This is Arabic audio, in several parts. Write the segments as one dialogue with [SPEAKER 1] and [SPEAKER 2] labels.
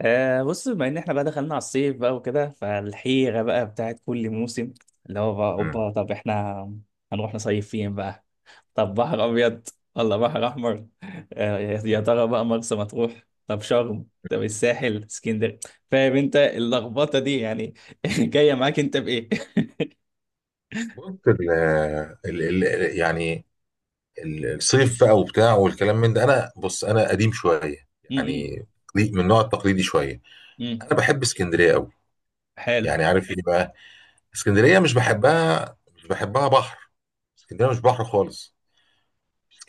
[SPEAKER 1] آه، بص، بما ان احنا بقى دخلنا على الصيف بقى وكده، فالحيرة بقى بتاعت كل موسم اللي هو بقى
[SPEAKER 2] مم.
[SPEAKER 1] اوبا، طب احنا هنروح نصيف فين بقى؟ طب بحر ابيض ولا بحر احمر؟ آه، يا ترى بقى مرسى مطروح، طب شرم، طب الساحل، اسكندريه. فاهم انت اللخبطة دي يعني؟ جاية معاك انت بايه؟
[SPEAKER 2] بص يعني الصيف بقى وبتاع والكلام من ده، انا بص انا قديم شويه
[SPEAKER 1] م- م-
[SPEAKER 2] يعني، من النوع التقليدي شويه.
[SPEAKER 1] م.
[SPEAKER 2] انا بحب اسكندريه قوي،
[SPEAKER 1] حلو.
[SPEAKER 2] يعني عارف ايه بقى. اسكندريه مش بحبها بحر، اسكندريه مش بحر خالص.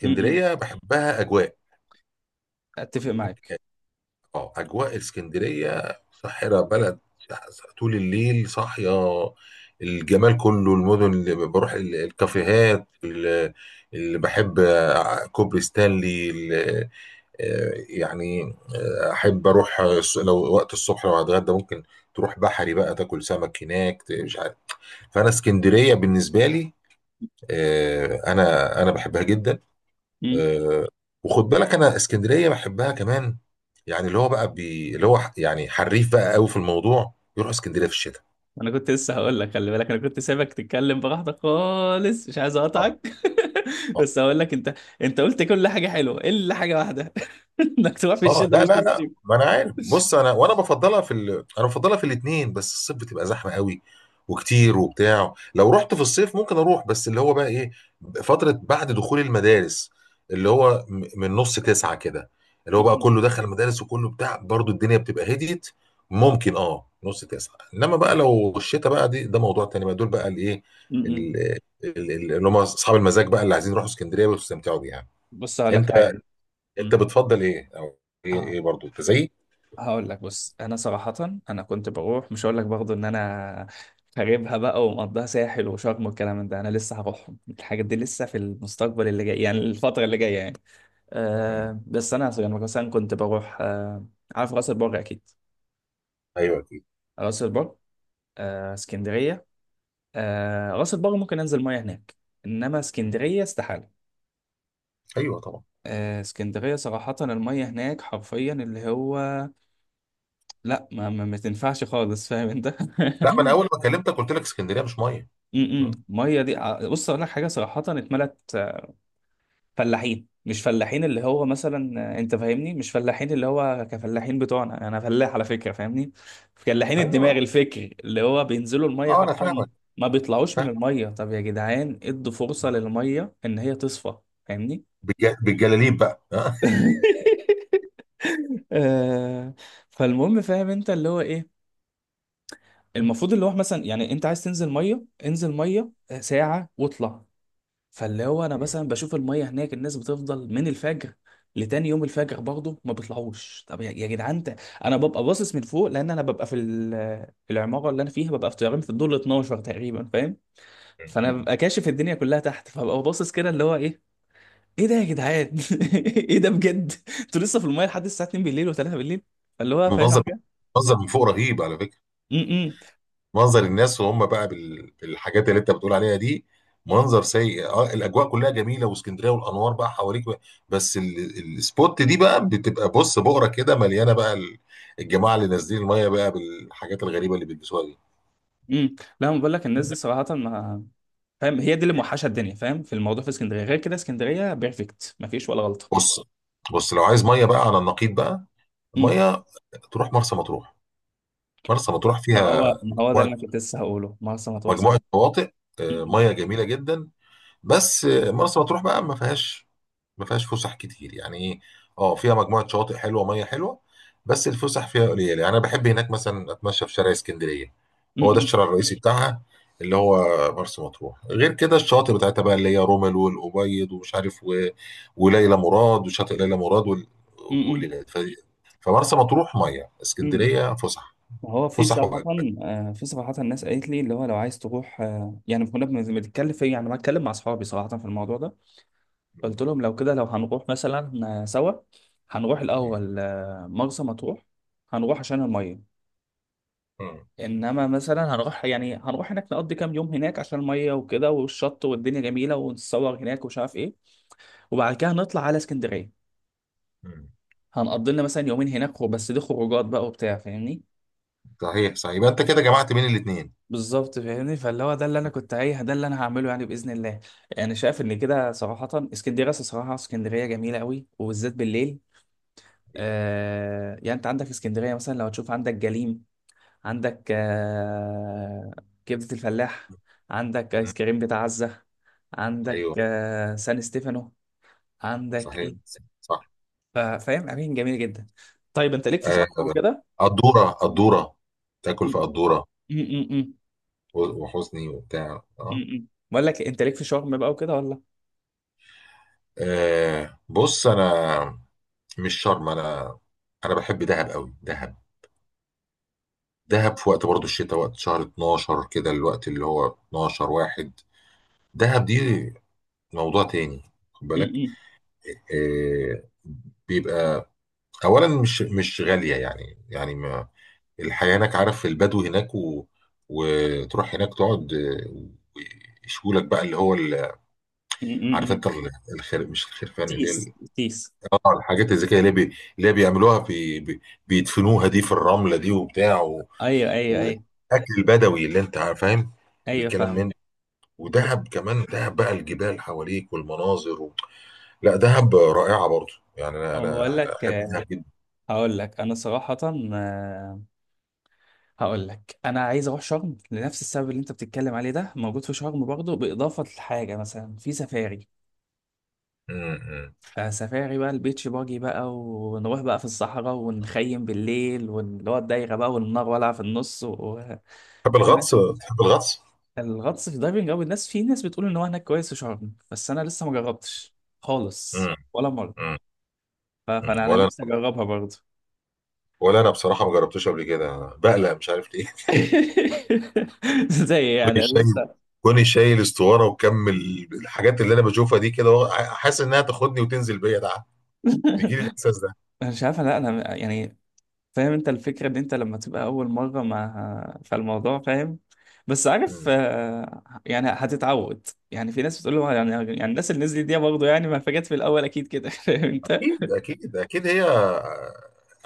[SPEAKER 1] م- م.
[SPEAKER 2] بحبها اجواء.
[SPEAKER 1] اتفق معاك.
[SPEAKER 2] اه اجواء اسكندريه ساحره، بلد طول الليل صاحيه. الجمال كله المدن اللي بروح الكافيهات اللي بحب، كوبري ستانلي يعني احب اروح، لو وقت الصبح، لو هتغدى ممكن تروح بحري بقى تاكل سمك هناك، مش عارف. فانا اسكندريه بالنسبه لي، آه، انا انا بحبها جدا. آه، وخد بالك انا اسكندريه بحبها كمان، يعني اللي هو بقى اللي هو يعني حريف بقى قوي في الموضوع، يروح اسكندريه في الشتاء.
[SPEAKER 1] انا كنت لسه هقول لك، خلي بالك انا كنت سايبك تتكلم براحتك خالص، مش عايز
[SPEAKER 2] اه،
[SPEAKER 1] اقطعك.
[SPEAKER 2] آه.
[SPEAKER 1] بس هقول لك انت، انت قلت كل حاجه حلوه الا حاجه واحده، انك تروح في
[SPEAKER 2] اه،
[SPEAKER 1] الشتاء
[SPEAKER 2] لا
[SPEAKER 1] مش
[SPEAKER 2] لا لا،
[SPEAKER 1] نصيب.
[SPEAKER 2] ما انا عارف. بص، انا بفضلها في الاثنين، بس الصيف بتبقى زحمه قوي وكتير وبتاع. لو رحت في الصيف ممكن اروح، بس اللي هو بقى ايه، فتره بعد دخول المدارس، اللي هو من نص تسعة كده، اللي هو بقى
[SPEAKER 1] م-
[SPEAKER 2] كله دخل المدارس وكله بتاع برضو الدنيا بتبقى هديت. ممكن نص تسعة، انما بقى لو الشتاء بقى دي، ده موضوع تاني بقى. دول بقى الايه
[SPEAKER 1] م- م.
[SPEAKER 2] ال- اللي هم اصحاب المزاج بقى، اللي عايزين يروحوا اسكندريه ويستمتعوا بيها.
[SPEAKER 1] بص هقول لك حاجه.
[SPEAKER 2] انت
[SPEAKER 1] م.
[SPEAKER 2] أنت بتفضّل إيه، أو إيه
[SPEAKER 1] اه،
[SPEAKER 2] برضه، أنت زيي؟
[SPEAKER 1] هقول لك، بص انا صراحه، انا كنت بروح، مش هقول لك برضه ان انا خاربها بقى ومقضيها ساحل وشرم والكلام من ده، انا لسه هروحهم الحاجات دي، لسه في المستقبل اللي جاي يعني، الفتره اللي جايه يعني.
[SPEAKER 2] إمم.
[SPEAKER 1] آه، بس انا مثلا كنت بروح. عارف راس البر اكيد؟
[SPEAKER 2] أيوه أكيد.
[SPEAKER 1] راس البر. آه، اسكندريه. آه، راس البر ممكن انزل ميه هناك، انما اسكندريه استحاله.
[SPEAKER 2] أيوه طبعًا.
[SPEAKER 1] آه، اسكندريه صراحه الميه هناك حرفيا اللي هو، لا ما تنفعش خالص، فاهم انت؟
[SPEAKER 2] لأ، ما أنا أول ما كلمتك قُلت لك اسكندرية مش مَيّة.
[SPEAKER 1] م- م.
[SPEAKER 2] إمم.
[SPEAKER 1] الميه دي بص اقول لك حاجه صراحه، اتملت فلاحين. مش فلاحين اللي هو مثلا، انت فاهمني، مش فلاحين اللي هو كفلاحين بتوعنا، انا فلاح على فكره فاهمني، فلاحين
[SPEAKER 2] أيوه.
[SPEAKER 1] الدماغ، الفكر اللي هو بينزلوا الميه
[SPEAKER 2] آه، أنا
[SPEAKER 1] حرفيا
[SPEAKER 2] فاهمك.
[SPEAKER 1] ما بيطلعوش من
[SPEAKER 2] فاهمك
[SPEAKER 1] الميه. طب يا جدعان ادوا فرصه
[SPEAKER 2] طبعًا.
[SPEAKER 1] للميه ان هي تصفى، فاهمني؟
[SPEAKER 2] بالجلاليب بقى. آه.
[SPEAKER 1] آه، فالمهم، فاهم انت اللي هو ايه، المفروض اللي هو مثلا يعني انت عايز تنزل ميه، انزل ميه ساعه واطلع. فاللي هو انا مثلا بشوف الميه هناك الناس بتفضل من الفجر لتاني يوم الفجر برضه ما بيطلعوش. طب يا جدعان، انا ببقى باصص من فوق، لان انا ببقى في العماره اللي انا فيها ببقى في طيارين، في الدور ال 12 تقريبا، فاهم؟
[SPEAKER 2] إمم،
[SPEAKER 1] فانا
[SPEAKER 2] إمم.
[SPEAKER 1] ببقى كاشف الدنيا كلها تحت، فببقى باصص كده اللي هو ايه، ايه ده يا جدعان، ايه ده بجد؟ انتوا لسه في الميه لحد الساعه 2 بالليل و3 بالليل، اللي هو فاهم
[SPEAKER 2] منظر
[SPEAKER 1] حاجه؟
[SPEAKER 2] منظر من فوق رهيب على فكرة.
[SPEAKER 1] امم.
[SPEAKER 2] منظر الناس وهُم بقى بالحاجات اللي أنت بتقول عليها دي، منظر سيء. الأجواء كلّها جميلة واسكندرية والأنوار بقى حواليك، و بس الspot دي بقى بتبقى بُص بُقرة كده مليانة بقى الجماعة اللي نازلين المَيّة بقى بالحاجات الغريبة اللي بيلبسوها دي.
[SPEAKER 1] لا ما بقول لك الناس دي صراحه ما، فاهم هي دي اللي موحشه الدنيا، فاهم في الموضوع؟ في اسكندريه غير كده اسكندريه بيرفكت، ما فيش ولا غلطه.
[SPEAKER 2] بص، بص لو عايز ميه بقى على النقيض بقى، ميه تروح مرسى مطروح. مرسى مطروح
[SPEAKER 1] ما
[SPEAKER 2] فيها
[SPEAKER 1] هو، ما هو ده اللي
[SPEAKER 2] مجموعه
[SPEAKER 1] انا كنت لسه هقوله، مرسى مطروح
[SPEAKER 2] مجموعة
[SPEAKER 1] صراحه.
[SPEAKER 2] شواطئ،
[SPEAKER 1] م-
[SPEAKER 2] ميه جميله جدا. بس مرسى مطروح بقى ما فيهاش فسح كتير، يعني ايه. اه فيها مجموعه شواطئ حلوه، ميه حلوه، بس الفسح فيها قليله. يعني انا بحب هناك مثلا اتمشى في شارع اسكندريه،
[SPEAKER 1] م-
[SPEAKER 2] هو ده
[SPEAKER 1] م-
[SPEAKER 2] الشارع الرئيسي بتاعها اللي هو. مرسى مطروح غير كده الشواطئ بتاعتها بقى اللي هي رمل والابيض ومش عارف، و... وليلى مراد وشاطئ ليلى مراد
[SPEAKER 1] م- م.
[SPEAKER 2] والليلات، فمرسى مطروح ميه،
[SPEAKER 1] م.
[SPEAKER 2] اسكندريه فسح.
[SPEAKER 1] ما هو في
[SPEAKER 2] فسح
[SPEAKER 1] صراحة،
[SPEAKER 2] واجواء.
[SPEAKER 1] آه، في صراحة الناس قالت لي اللي هو لو عايز تروح، آه، يعني كنا بنتكلم في، يعني بتكلم مع أصحابي صراحة في الموضوع ده. قلت
[SPEAKER 2] مم.
[SPEAKER 1] لهم لو كده، لو هنروح مثلا، آه، سوا، هنروح
[SPEAKER 2] مم.
[SPEAKER 1] الأول آه، مرسى مطروح، هنروح عشان المية.
[SPEAKER 2] مم.
[SPEAKER 1] إنما مثلا هنروح، يعني هنروح هناك نقضي كام يوم هناك عشان المية وكده، والشط والدنيا جميلة ونتصور هناك ومش عارف إيه، وبعد كده نطلع على اسكندرية،
[SPEAKER 2] مم.
[SPEAKER 1] هنقضي لنا مثلا يومين هناك، بس دي خروجات بقى وبتاع، فاهمني؟
[SPEAKER 2] صحيح، صحيح، يبقى انت كده جمعت بين الاثنين.
[SPEAKER 1] بالظبط فاهمني، فاللي هو ده اللي انا كنت عايز، ده اللي انا هعمله يعني باذن الله. انا شايف ان كده صراحه اسكندريه، أصل صراحه اسكندريه جميله قوي وبالذات بالليل.
[SPEAKER 2] ايوه.
[SPEAKER 1] آه يعني انت عندك اسكندريه مثلا لو تشوف، عندك جليم، عندك آه كبده الفلاح، عندك
[SPEAKER 2] مم.
[SPEAKER 1] ايس كريم بتاع عزه، عندك
[SPEAKER 2] أيوة.
[SPEAKER 1] آه سان ستيفانو، عندك
[SPEAKER 2] صحيح،
[SPEAKER 1] ايه،
[SPEAKER 2] صح.
[SPEAKER 1] فاهم اماكن جميله جدا. طيب انت ليك في
[SPEAKER 2] آه،
[SPEAKER 1] شرم وكده؟
[SPEAKER 2] قدورة، قدورة تاكل في
[SPEAKER 1] م-
[SPEAKER 2] قدورة
[SPEAKER 1] م- م- م.
[SPEAKER 2] وحزني وبتاع.
[SPEAKER 1] بقول لك انت ليك في شرم بقى وكده ولا؟
[SPEAKER 2] بص انا مش شرم. انا بحب دهب قوي، دهب. دهب في وقت برضو الشتاء، وقت شهر 12 كده، الوقت اللي هو 12 واحد، دهب دي موضوع تاني. خد
[SPEAKER 1] م-
[SPEAKER 2] بالك
[SPEAKER 1] م-
[SPEAKER 2] آه، بيبقى اولا مش غالية يعني، ما الحياة هناك، عارف البدو هناك، و... وتروح هناك تقعد، ويشوا لك بقى اللي هو،
[SPEAKER 1] م- م-
[SPEAKER 2] عارف
[SPEAKER 1] م.
[SPEAKER 2] انت الخير، مش الخرفان اللي هي
[SPEAKER 1] تيس تيس.
[SPEAKER 2] الحاجات الذكيه اللي هي اللي هي بيعملوها بيدفنوها دي في الرمله دي وبتاع، و...
[SPEAKER 1] ايوه ايوه ايوه.
[SPEAKER 2] واكل بدوي اللي انت فاهم
[SPEAKER 1] ايوه
[SPEAKER 2] الكلام
[SPEAKER 1] فاهم.
[SPEAKER 2] من ده.
[SPEAKER 1] ب-
[SPEAKER 2] ودهب كمان، دهب بقى الجبال حواليك والمناظر. و... لا دهب رائعه برضو يعني، انا
[SPEAKER 1] أو بقول لك
[SPEAKER 2] احب
[SPEAKER 1] آه،
[SPEAKER 2] دهب جدا.
[SPEAKER 1] هقول لك انا صراحة، آه، هقول لك انا عايز اروح شرم لنفس السبب اللي انت بتتكلم عليه، ده موجود في شرم برضه، باضافة لحاجة مثلا في سفاري.
[SPEAKER 2] امم.
[SPEAKER 1] فسفاري بقى، البيتش باجي بقى، ونروح بقى في الصحراء ونخيم بالليل، واللي هو الدايرة بقى والنار والعة في النص و...
[SPEAKER 2] تحب
[SPEAKER 1] فاهم؟
[SPEAKER 2] الغطس؟ تحب الغطس.
[SPEAKER 1] الغطس في الدايفنج، او الناس في، ناس بتقول ان هو هناك كويس في شرم، بس انا لسه ما جربتش خالص
[SPEAKER 2] امم.
[SPEAKER 1] ولا مره.
[SPEAKER 2] امم.
[SPEAKER 1] فانا انا
[SPEAKER 2] ولا انا
[SPEAKER 1] نفسي اجربها برضه.
[SPEAKER 2] ولا انا بصراحه ما جربتوش قبل كده، بقلق مش عارف ليه.
[SPEAKER 1] زي يعني
[SPEAKER 2] كوني شايل
[SPEAKER 1] لسه.
[SPEAKER 2] كوني شايل استواره وكمل. الحاجات اللي انا بشوفها دي كده، هو حاسس انها تاخدني وتنزل بيا ده، بيجي لي الاحساس ده.
[SPEAKER 1] انا مش عارف، لا انا يعني، فاهم انت الفكره ان انت لما تبقى اول مره مع فالموضوع فاهم، بس عارف
[SPEAKER 2] مم.
[SPEAKER 1] آه، يعني هتتعود، يعني في ناس بتقول له يعني، يعني الناس اللي نزلت دي برضه يعني ما فاجأت في الاول اكيد كده، فاهم انت؟
[SPEAKER 2] اكيد اكيد اكيد، هي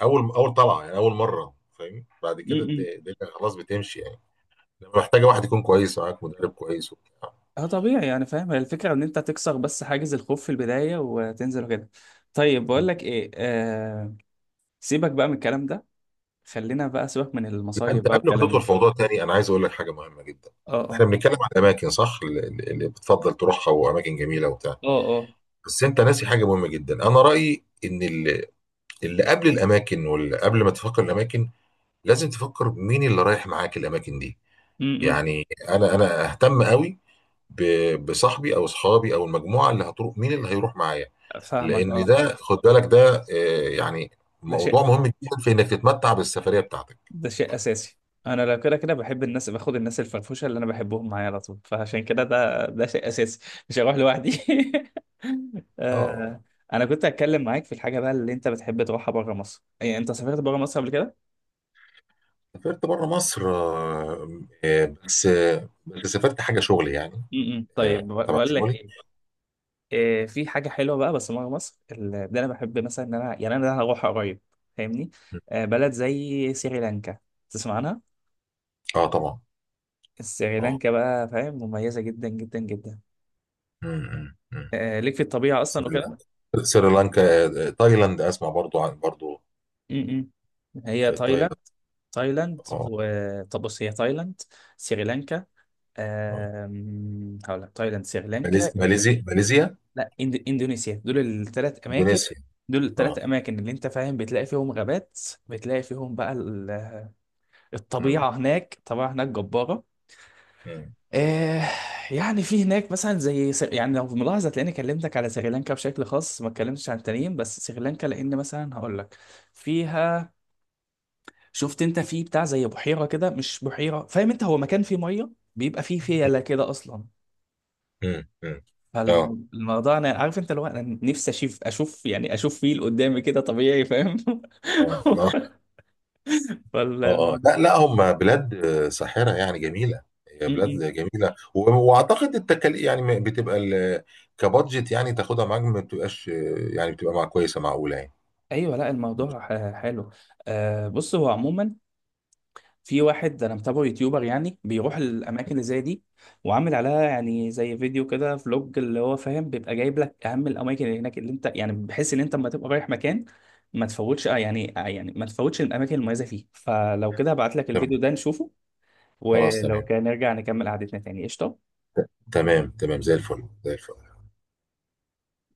[SPEAKER 2] اول اول طلعه يعني، اول مره. فاهم، بعد كده الدنيا خلاص بتمشي يعني، لما محتاجه واحد يكون كويس معاك، مدرب كويس وبتاع.
[SPEAKER 1] اه طبيعي يعني، فاهم هي الفكرة ان انت تكسر بس حاجز الخوف في البداية وتنزل وكده. طيب بقول لك ايه، آه، سيبك بقى من الكلام ده، خلينا بقى، سيبك من
[SPEAKER 2] لا
[SPEAKER 1] المصايب
[SPEAKER 2] انت
[SPEAKER 1] بقى
[SPEAKER 2] قبل ما
[SPEAKER 1] والكلام
[SPEAKER 2] تدخل
[SPEAKER 1] ده.
[SPEAKER 2] في موضوع تاني، انا عايز اقول لك حاجه مهمه جدا.
[SPEAKER 1] اه
[SPEAKER 2] احنا
[SPEAKER 1] اه.
[SPEAKER 2] بنتكلم عن اماكن، صح؟ اللي بتفضل تروحها، واماكن جميله وبتاع.
[SPEAKER 1] اه اه.
[SPEAKER 2] بس انت ناسي حاجه مهمه جدا. انا رايي ان ال اللي قبل الاماكن، واللي قبل ما تفكر الاماكن، لازم تفكر مين اللي رايح معاك الاماكن دي.
[SPEAKER 1] امم.
[SPEAKER 2] يعني انا اهتم قوي بصاحبي او اصحابي او المجموعه اللي هتروح، مين اللي هيروح معايا.
[SPEAKER 1] فاهمك
[SPEAKER 2] لان
[SPEAKER 1] اه.
[SPEAKER 2] ده خد بالك ده يعني
[SPEAKER 1] ده شيء،
[SPEAKER 2] موضوع مهم جدا في انك تتمتع بالسفريه بتاعتك.
[SPEAKER 1] ده شيء اساسي. انا لو كده كده بحب الناس، باخد الناس الفرفوشة اللي انا بحبهم معايا على طول، فعشان كده ده شيء اساسي، مش هروح لوحدي.
[SPEAKER 2] اه.
[SPEAKER 1] آه. انا كنت هتكلم معاك في الحاجة بقى اللي انت بتحب تروحها بره مصر، يعني انت سافرت بره مصر قبل كده؟
[SPEAKER 2] سافرت بره مصر، بس سافرت حاجه شغل يعني.
[SPEAKER 1] م- م. طيب،
[SPEAKER 2] تبع
[SPEAKER 1] بقول لك
[SPEAKER 2] شغلي.
[SPEAKER 1] ايه، إيه، في حاجه حلوه بقى بس بره مصر اللي انا بحب، مثلا ان انا يعني انا هروح قريب فاهمني، آه، بلد زي سريلانكا، تسمع عنها؟
[SPEAKER 2] اه طبعا. اه.
[SPEAKER 1] سريلانكا بقى فاهم، مميزه جدا جدا جدا،
[SPEAKER 2] م.
[SPEAKER 1] آه، ليك في الطبيعه اصلا
[SPEAKER 2] سريلانكا
[SPEAKER 1] وكده.
[SPEAKER 2] سريلانكا، تايلاند، اسمع برضو عن برضو.
[SPEAKER 1] م- م. هي
[SPEAKER 2] تايلاند.
[SPEAKER 1] تايلاند، تايلاند
[SPEAKER 2] اه،
[SPEAKER 1] و، طب بص هي تايلاند، سريلانكا،
[SPEAKER 2] آه.
[SPEAKER 1] آم، هقول لك تايلاند،
[SPEAKER 2] ماليزيا،
[SPEAKER 1] سريلانكا،
[SPEAKER 2] ماليزيا، ماليزيا،
[SPEAKER 1] لا، اندونيسيا، دول الثلاث اماكن،
[SPEAKER 2] اندونيسيا.
[SPEAKER 1] دول الثلاث
[SPEAKER 2] اه.
[SPEAKER 1] اماكن اللي انت فاهم بتلاقي فيهم غابات، بتلاقي فيهم بقى
[SPEAKER 2] مم.
[SPEAKER 1] الطبيعه هناك، الطبيعه هناك جباره.
[SPEAKER 2] مم.
[SPEAKER 1] آه، يعني في هناك مثلا زي يعني لو ملاحظه تلاقيني كلمتك على سريلانكا بشكل خاص، ما اتكلمتش عن التانيين بس سريلانكا، لان مثلا هقول لك فيها، شفت انت في بتاع زي بحيره كده، مش بحيره، فاهم انت، هو مكان فيه ميه، بيبقى فيه فيله كده اصلا،
[SPEAKER 2] مم. مم. اه،
[SPEAKER 1] فالموضوع انا عارف انت، لو انا نفسي اشوف، اشوف يعني اشوف فيل قدامي كده طبيعي فاهم.
[SPEAKER 2] اه، اه، اه، آه.
[SPEAKER 1] فالموضوع،
[SPEAKER 2] لا، لا، هم بلاد ساحرة يعني جميلة. هي
[SPEAKER 1] م-
[SPEAKER 2] بلاد
[SPEAKER 1] م.
[SPEAKER 2] جميلة، واعتقد التكاليف يعني بتبقى كبادجت يعني تاخدها معاك، ما بتبقاش يعني بتبقى مع كويسة، معقولة يعني.
[SPEAKER 1] ايوه لا الموضوع حلو. آه بص هو عموما، في واحد انا متابعه، يوتيوبر يعني، بيروح الاماكن اللي زي دي، وعامل عليها يعني زي فيديو كده، فلوج، اللي هو فاهم بيبقى جايب لك اهم الاماكن اللي هناك، اللي انت يعني بحيث ان انت لما تبقى رايح مكان ما تفوتش آه يعني، آه يعني ما تفوتش الاماكن المميزه فيه، فلو كده هبعت لك
[SPEAKER 2] تمام.
[SPEAKER 1] الفيديو ده نشوفه،
[SPEAKER 2] خلاص
[SPEAKER 1] ولو
[SPEAKER 2] تمام.
[SPEAKER 1] كان نرجع نكمل قعدتنا تاني قشطة.
[SPEAKER 2] تمام، تمام، زي الفل، زي الفل.